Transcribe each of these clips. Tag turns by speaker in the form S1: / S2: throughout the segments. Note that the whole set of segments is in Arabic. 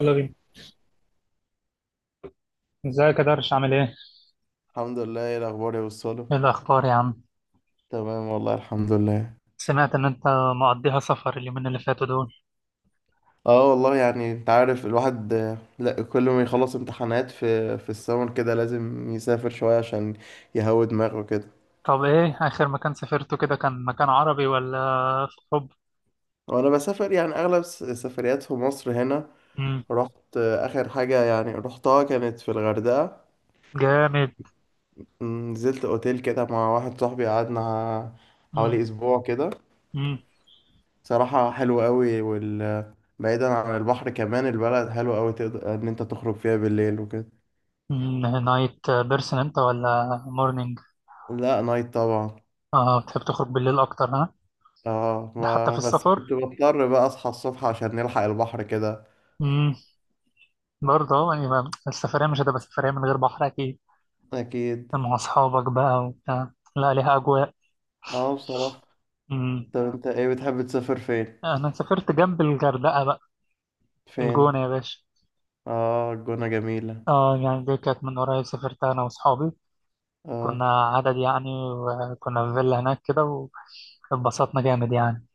S1: يلا بينا. ازيك يا درش، عامل ايه؟
S2: الحمد لله. ايه الاخبار يا وصاله؟
S1: ايه الاخبار يا عم؟
S2: تمام والله، الحمد لله.
S1: سمعت ان انت مقضيها سفر اليومين اللي فاتوا دول.
S2: اه والله، يعني انت عارف الواحد لا، كل ما يخلص امتحانات في السمر كده لازم يسافر شويه عشان يهوي دماغه كده.
S1: طب ايه اخر مكان سافرته؟ كده كان مكان عربي ولا في اوروبا؟
S2: وانا بسافر يعني اغلب سفريات في مصر هنا.
S1: امم.
S2: رحت اخر حاجه يعني رحتها كانت في الغردقه.
S1: جامد.
S2: نزلت اوتيل كده مع واحد صاحبي، قعدنا
S1: امم.
S2: حوالي اسبوع كده.
S1: امم.
S2: صراحه حلو قوي، بعيدا عن البحر، كمان البلد حلوة أوي، تقدر إن أنت تخرج فيها بالليل وكده.
S1: نايت بيرسون انت ولا مورنينج؟
S2: لا، نايت طبعا.
S1: اه بتحب تخرج بالليل اكتر ها؟
S2: اه،
S1: ده حتى
S2: ما
S1: في
S2: بس كنت
S1: السفر؟
S2: بضطر بقى اصحى الصبح عشان نلحق البحر كده.
S1: امم. برضه، يعني السفرية مش هتبقى سفرية من غير بحر اكيد.
S2: اكيد.
S1: مع اصحابك بقى وبتاع. لا، ليها اجواء.
S2: اه بصراحة.
S1: امم.
S2: طب انت ايه بتحب تسافر فين؟
S1: انا سافرت جنب الغردقة بقى.
S2: فين؟
S1: الجونة يا باشا.
S2: اه، الجونة جميلة.
S1: اه يعني دي كانت من قريب، سافرت انا واصحابي.
S2: اه.
S1: كنا عدد يعني، وكنا في فيلا هناك كده، واتبسطنا جامد يعني.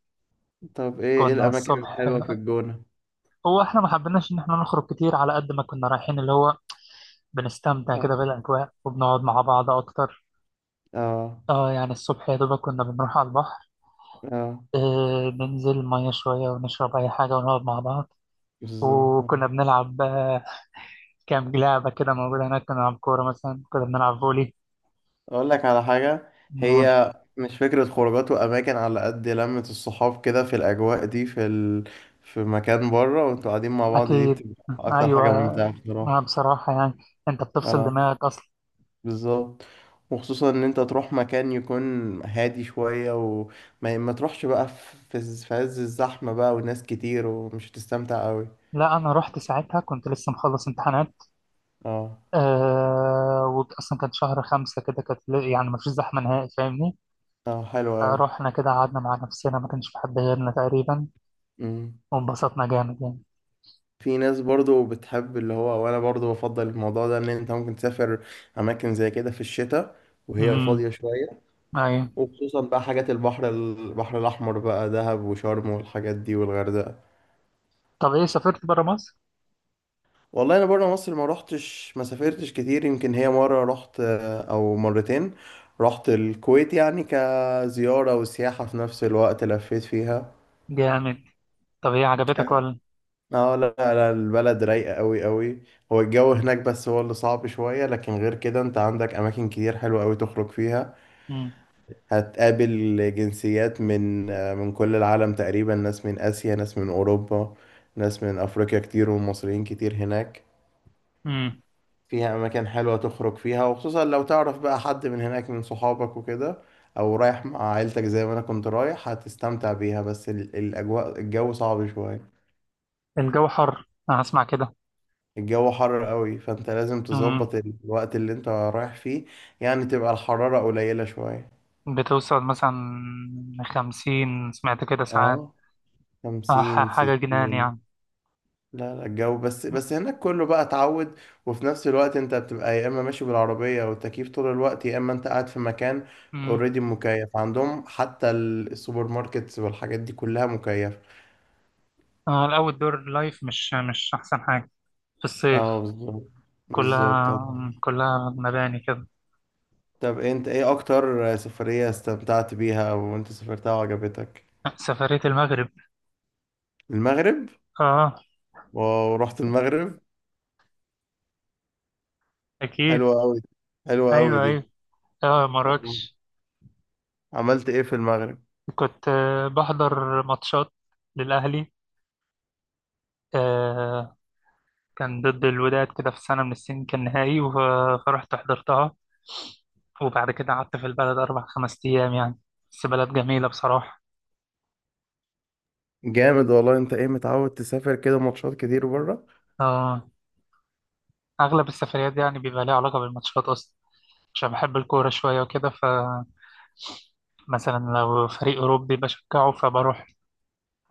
S2: طب ايه
S1: كنا
S2: الاماكن
S1: الصبح،
S2: الحلوة في الجونة؟
S1: هو احنا ما حبيناش ان احنا نخرج كتير على قد ما كنا رايحين، اللي هو بنستمتع
S2: اه.
S1: كده بالاجواء وبنقعد مع بعض اكتر.
S2: اه.
S1: اه يعني الصبح يا دوبك كنا بنروح على البحر.
S2: اه
S1: ننزل ميه شويه ونشرب اي حاجه ونقعد مع بعض.
S2: بالظبط.
S1: وكنا بنلعب، كام لعبه كده موجوده هناك، كنا بنلعب كوره مثلا، كنا بنلعب فولي.
S2: اقول لك على حاجة، هي مش فكرة خروجات واماكن على قد لمة الصحاب كده، في الاجواء دي في مكان بره وانتوا قاعدين مع بعض، دي
S1: أكيد.
S2: بتبقى اكتر
S1: أيوة.
S2: حاجة ممتعة
S1: ما
S2: بصراحة.
S1: بصراحة يعني، أنت بتفصل
S2: اه
S1: دماغك أصلا.
S2: بالظبط. وخصوصا ان انت تروح مكان يكون هادي شوية، وما ما تروحش بقى في عز الزحمة بقى وناس كتير ومش هتستمتع قوي.
S1: لا، أنا رحت ساعتها كنت لسه مخلص امتحانات.
S2: اه.
S1: وأصلا كان شهر خمسة كده، كانت يعني مفيش زحمة نهائي، فاهمني؟
S2: اه حلو قوي.
S1: رحنا كده قعدنا مع نفسنا، ما كانش في حد غيرنا تقريبا،
S2: امم.
S1: وانبسطنا جامد يعني.
S2: في ناس برضو بتحب اللي هو، وانا برضو بفضل الموضوع ده، ان انت ممكن تسافر اماكن زي كده في الشتاء وهي
S1: امم.
S2: فاضية شوية.
S1: أيوة.
S2: وخصوصا بقى حاجات البحر، البحر الاحمر بقى، دهب وشرم والحاجات دي والغردقة.
S1: طب إيه، سافرت برا مصر؟
S2: والله، انا بره مصر ما روحتش، ما سافرتش كتير، يمكن هي مره رحت او مرتين. رحت الكويت يعني كزياره وسياحه في نفس الوقت، لفيت فيها.
S1: جامد. طب إيه،
S2: ك-
S1: عجبتك ولا؟
S2: اه لا لا، البلد رايقه قوي قوي. هو الجو هناك بس هو اللي صعب شويه، لكن غير كده انت عندك اماكن كتير حلوه قوي تخرج فيها.
S1: امم.
S2: هتقابل جنسيات من كل العالم تقريبا، ناس من اسيا، ناس من اوروبا، ناس من افريقيا كتير، ومصريين كتير هناك.
S1: امم.
S2: فيها أماكن حلوة تخرج فيها، وخصوصا لو تعرف بقى حد من هناك من صحابك وكده، أو رايح مع عيلتك زي ما أنا كنت رايح، هتستمتع بيها، بس ال- الأجواء الجو صعب شوية.
S1: الجو حر، أنا هسمع كده.
S2: الجو حر قوي، فأنت لازم
S1: امم.
S2: تظبط الوقت اللي أنت رايح فيه، يعني تبقى الحرارة قليلة شوية.
S1: بتوصل مثلا 50، سمعت كده، ساعات.
S2: اه، 50
S1: حاجة جنان
S2: 60.
S1: يعني.
S2: لا لا، الجو بس هناك كله بقى اتعود. وفي نفس الوقت انت بتبقى يا اما ماشي بالعربية او التكييف طول الوقت، يا اما انت قاعد في مكان
S1: أمم.
S2: اوريدي مكيف عندهم، حتى السوبر ماركتس والحاجات دي كلها مكيفة.
S1: الأول دور لايف، مش أحسن حاجة في الصيف.
S2: اه بالظبط. بالظبط.
S1: كلها كلها مباني كده.
S2: طب انت ايه اكتر سفرية استمتعت بيها وانت سافرتها وعجبتك؟
S1: سفرية المغرب.
S2: المغرب؟
S1: آه.
S2: واو، رحت المغرب.
S1: أكيد.
S2: حلوة قوي. حلوة قوي
S1: أيوه،
S2: دي.
S1: أيوه. آه،
S2: طب
S1: مراكش.
S2: عملت ايه في المغرب؟
S1: كنت، بحضر ماتشات للأهلي. آه. كان ضد الوداد كده، في سنة من السنين كان نهائي فرحت حضرتها. وبعد كده قعدت في البلد أربع خمس أيام يعني. بس بلد جميلة بصراحة.
S2: جامد والله. انت ايه متعود تسافر كده ماتشات كتير بره؟
S1: آه، أغلب السفريات دي يعني بيبقى ليها علاقة بالماتشات أصلا. عشان بحب الكورة شوية وكده، فمثلا لو فريق أوروبي بشجعه فبروح،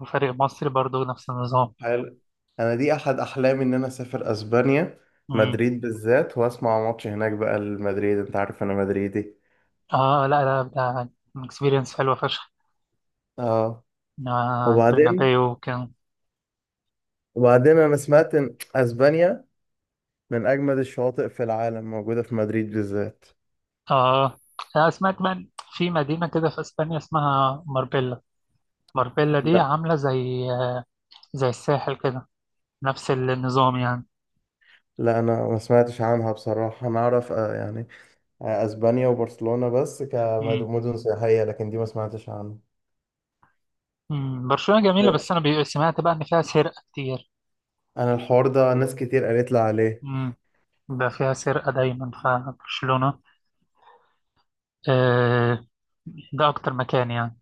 S1: وفريق مصري برضو نفس النظام.
S2: حلو. انا دي احد احلامي، ان انا اسافر اسبانيا،
S1: مم.
S2: مدريد بالذات، واسمع ماتش هناك بقى لمدريد، انت عارف انا مدريدي.
S1: اه لا، لا ده اكسبيرينس حلوة فشخ.
S2: اه.
S1: آه،
S2: وبعدين
S1: البرنابيو وكده.
S2: وبعدين انا سمعت ان اسبانيا من اجمد الشواطئ في العالم موجودة في مدريد بالذات.
S1: اه، أنا سمعت كمان في مدينة كده في اسبانيا اسمها ماربيلا. ماربيلا دي
S2: لا
S1: عاملة زي، زي الساحل كده، نفس النظام يعني.
S2: لا، انا ما سمعتش عنها بصراحة. انا اعرف يعني اسبانيا وبرشلونة بس
S1: مم.
S2: كمدن سياحية، لكن دي ما سمعتش عنها.
S1: مم. برشلونة جميلة،
S2: طب
S1: بس انا سمعت بقى ان فيها سرقة كتير.
S2: انا الحوار ده ناس كتير قالت لي عليه.
S1: مم. ده فيها سرقة دايما فبرشلونة. آه. ده أكتر مكان يعني.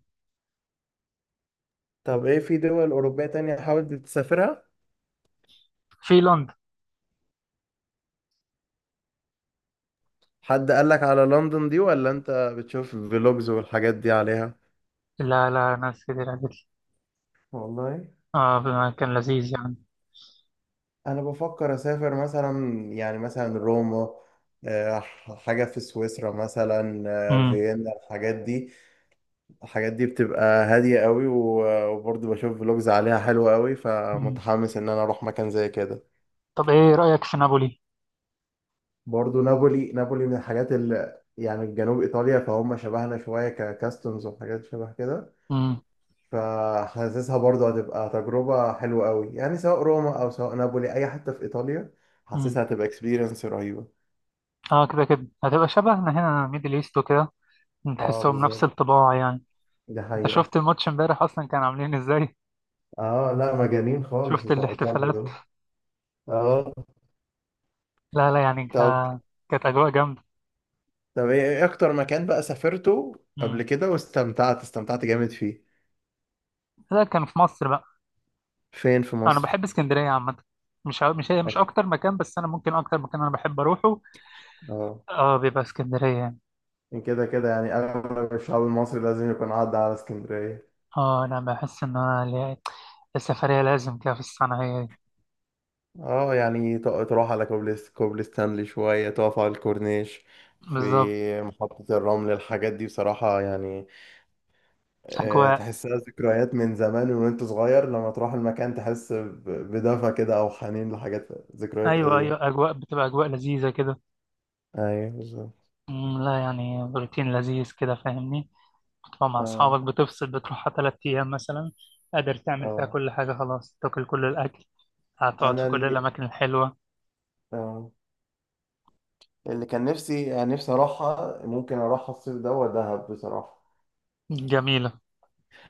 S2: طب ايه في دول اوروبية تانية حاولت تسافرها؟
S1: في لندن.
S2: حد قالك على لندن دي ولا انت بتشوف فلوجز والحاجات دي عليها؟
S1: لا، لا، ناس كتير قالت لي.
S2: والله
S1: آه. مكان لذيذ يعني.
S2: انا بفكر اسافر مثلا، يعني مثلا روما، آه، حاجة في سويسرا مثلا،
S1: مم.
S2: فيينا، الحاجات دي. الحاجات دي بتبقى هادية قوي، وبرضه بشوف فلوجز عليها حلوة قوي،
S1: مم.
S2: فمتحمس ان انا اروح مكان زي كده.
S1: طب إيه رأيك في نابولي؟
S2: برضه نابولي، نابولي من الحاجات اللي يعني جنوب ايطاليا، فهم شبهنا شوية ككاستمز وحاجات شبه كده،
S1: مم.
S2: فحاسسها برضه هتبقى تجربة حلوة قوي، يعني سواء روما أو سواء نابولي، أي حتة في إيطاليا
S1: مم.
S2: حاسسها هتبقى اكسبيرينس رهيبة.
S1: آه، كده كده هتبقى شبهنا هنا، ميدل إيست وكده.
S2: اه
S1: تحسهم نفس
S2: بالظبط،
S1: الطباع يعني.
S2: دي
S1: أنت
S2: حقيقة.
S1: شفت الماتش امبارح أصلا، كان عاملين إزاي؟
S2: اه لا، مجانين خالص
S1: شفت
S2: بتوع ايطاليا
S1: الاحتفالات؟
S2: دول. اه.
S1: لا، لا يعني
S2: طب
S1: كانت أجواء جامدة.
S2: طب إيه أكتر مكان بقى سافرته
S1: مم.
S2: قبل كده واستمتعت استمتعت جامد فيه؟
S1: لا، كان في مصر بقى.
S2: فين في
S1: أنا
S2: مصر؟
S1: بحب اسكندرية عامة. مش هي مش
S2: أيوة.
S1: أكتر مكان، بس أنا ممكن أكتر مكان أنا بحب أروحه.
S2: اه
S1: آه، بيبقى اسكندرية يعني.
S2: كده كده يعني أغلب الشعب المصري لازم يكون عدى على اسكندرية.
S1: اه انا بحس ان السفرية لازم كده، في الصنعة هي دي.
S2: اه يعني تروح على كوبلس، كوبلس ستانلي شوية، تقف على الكورنيش
S1: بالظبط.
S2: في محطة الرمل، الحاجات دي بصراحة يعني
S1: اجواء.
S2: تحسها ذكريات من زمان وانت صغير، لما تروح المكان تحس بدفى كده، او حنين لحاجات، ذكريات
S1: ايوه، ايوه،
S2: قديمة.
S1: اجواء بتبقى اجواء لذيذة كده.
S2: ايوه بالظبط.
S1: لا، يعني روتين لذيذ كده فاهمني. بتبقى مع اصحابك
S2: اه.
S1: بتفصل، بتروحها 3 ايام مثلا، قادر تعمل فيها
S2: اه
S1: كل حاجة. خلاص تاكل كل الاكل، هتقعد في
S2: انا
S1: كل
S2: اللي،
S1: الاماكن الحلوة.
S2: اه اللي كان نفسي، يعني نفسي اروحها، ممكن اروحها الصيف ده دهب بصراحة.
S1: جميلة.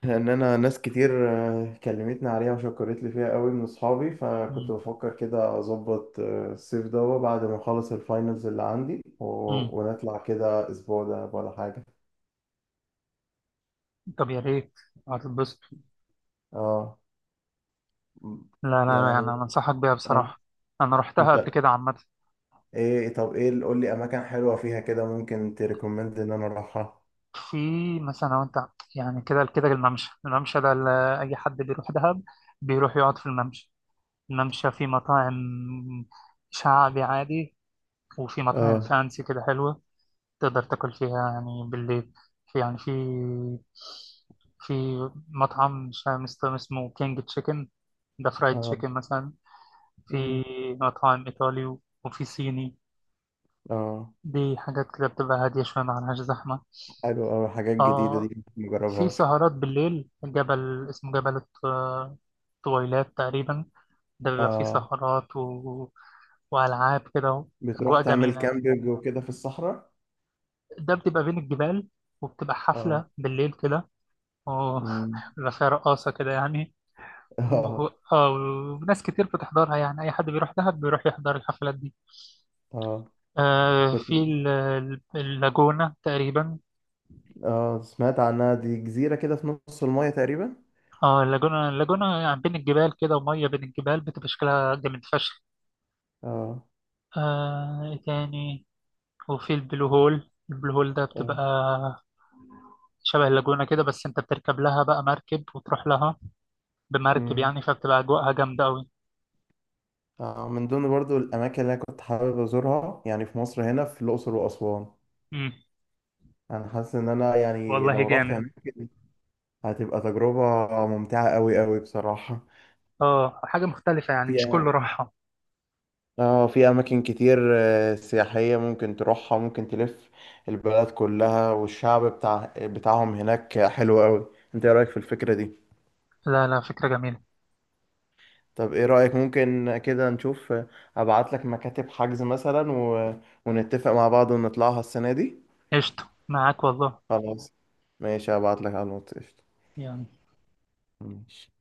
S2: لان انا ناس كتير كلمتني عليها وشكرت لي فيها قوي من اصحابي، فكنت
S1: أمم.
S2: بفكر كده اظبط الصيف ده بعد ما اخلص الفاينلز اللي عندي
S1: أمم.
S2: ونطلع كده اسبوع ده ولا حاجه.
S1: طب يا ريت، هتتبسط.
S2: اه. م-
S1: لا، لا، لا، يعني
S2: يعني
S1: انا انصحك بيها
S2: اه.
S1: بصراحة، انا رحتها قبل
S2: انت
S1: كده عامة.
S2: ايه، طب ايه قول لي اماكن حلوه فيها كده ممكن تريكومند ان انا اروحها.
S1: في، مثلا لو انت، يعني كده كده الممشى، اي حد بيروح دهب بيروح يقعد في الممشى. الممشى فيه مطاعم شعبي عادي، وفي مطاعم
S2: اه.
S1: فانسي كده حلوة، تقدر تاكل فيها يعني بالليل. في يعني في في مطعم مش عارف اسمه كينج تشيكن، ده فرايد
S2: اه.
S1: تشيكن مثلا. في
S2: مم.
S1: مطاعم ايطالي، وفي صيني.
S2: اه
S1: دي حاجات كده بتبقى هادية شوية، معلهاش زحمة.
S2: حلو أوي، حاجات جديده
S1: اه،
S2: دي
S1: في
S2: مجربهاش.
S1: سهرات بالليل، جبل اسمه جبل طويلات تقريبا، ده بيبقى فيه
S2: اه.
S1: سهرات و... وألعاب كده. أجواء
S2: بتروح تعمل
S1: جميلة،
S2: كامبينج وكده في الصحراء.
S1: ده بتبقى بين الجبال، وبتبقى حفلة بالليل كده و-
S2: اه.
S1: بيبقى فيها رقاصة كده يعني، و...
S2: اه.
S1: آه، وناس كتير بتحضرها، يعني أي حد بيروح دهب بيروح يحضر الحفلات دي.
S2: اه.
S1: آه،
S2: كنت،
S1: في اللاجونة تقريبا.
S2: اه سمعت عنها، دي جزيرة كده في نص المايه تقريبا.
S1: اه، اللاجونة، يعني بين الجبال كده، ومية بين الجبال بتبقى شكلها جامد فشخ.
S2: اه.
S1: آه، إيه تاني؟ وفي البلو هول، البلو هول ده بتبقى
S2: اه.
S1: شبه اللاجونة كده، بس انت بتركب لها بقى مركب وتروح لها بمركب
S2: امم.
S1: يعني، فبتبقى أجواءها جامدة أوي.
S2: من ضمن برضو الأماكن اللي أنا كنت حابب أزورها، يعني في مصر هنا، في الأقصر وأسوان.
S1: امم.
S2: أنا حاسس إن أنا يعني
S1: والله
S2: لو رحت
S1: جامد.
S2: هناك هتبقى تجربة ممتعة أوي أوي بصراحة.
S1: اه، حاجة مختلفة يعني،
S2: في
S1: مش كله راحة.
S2: اه في أماكن كتير سياحية ممكن تروحها، ممكن تلف البلد كلها، والشعب بتاعهم هناك حلو أوي. أنت إيه رأيك في الفكرة دي؟
S1: لا، لا، فكرة جميلة.
S2: طب ايه رأيك، ممكن كده نشوف، ابعت لك مكاتب حجز مثلا ونتفق مع بعض ونطلعها السنة دي.
S1: قشطة معاك والله.
S2: خلاص. ماشي، هبعت لك على الواتس قشطة.
S1: يلا.
S2: ماشي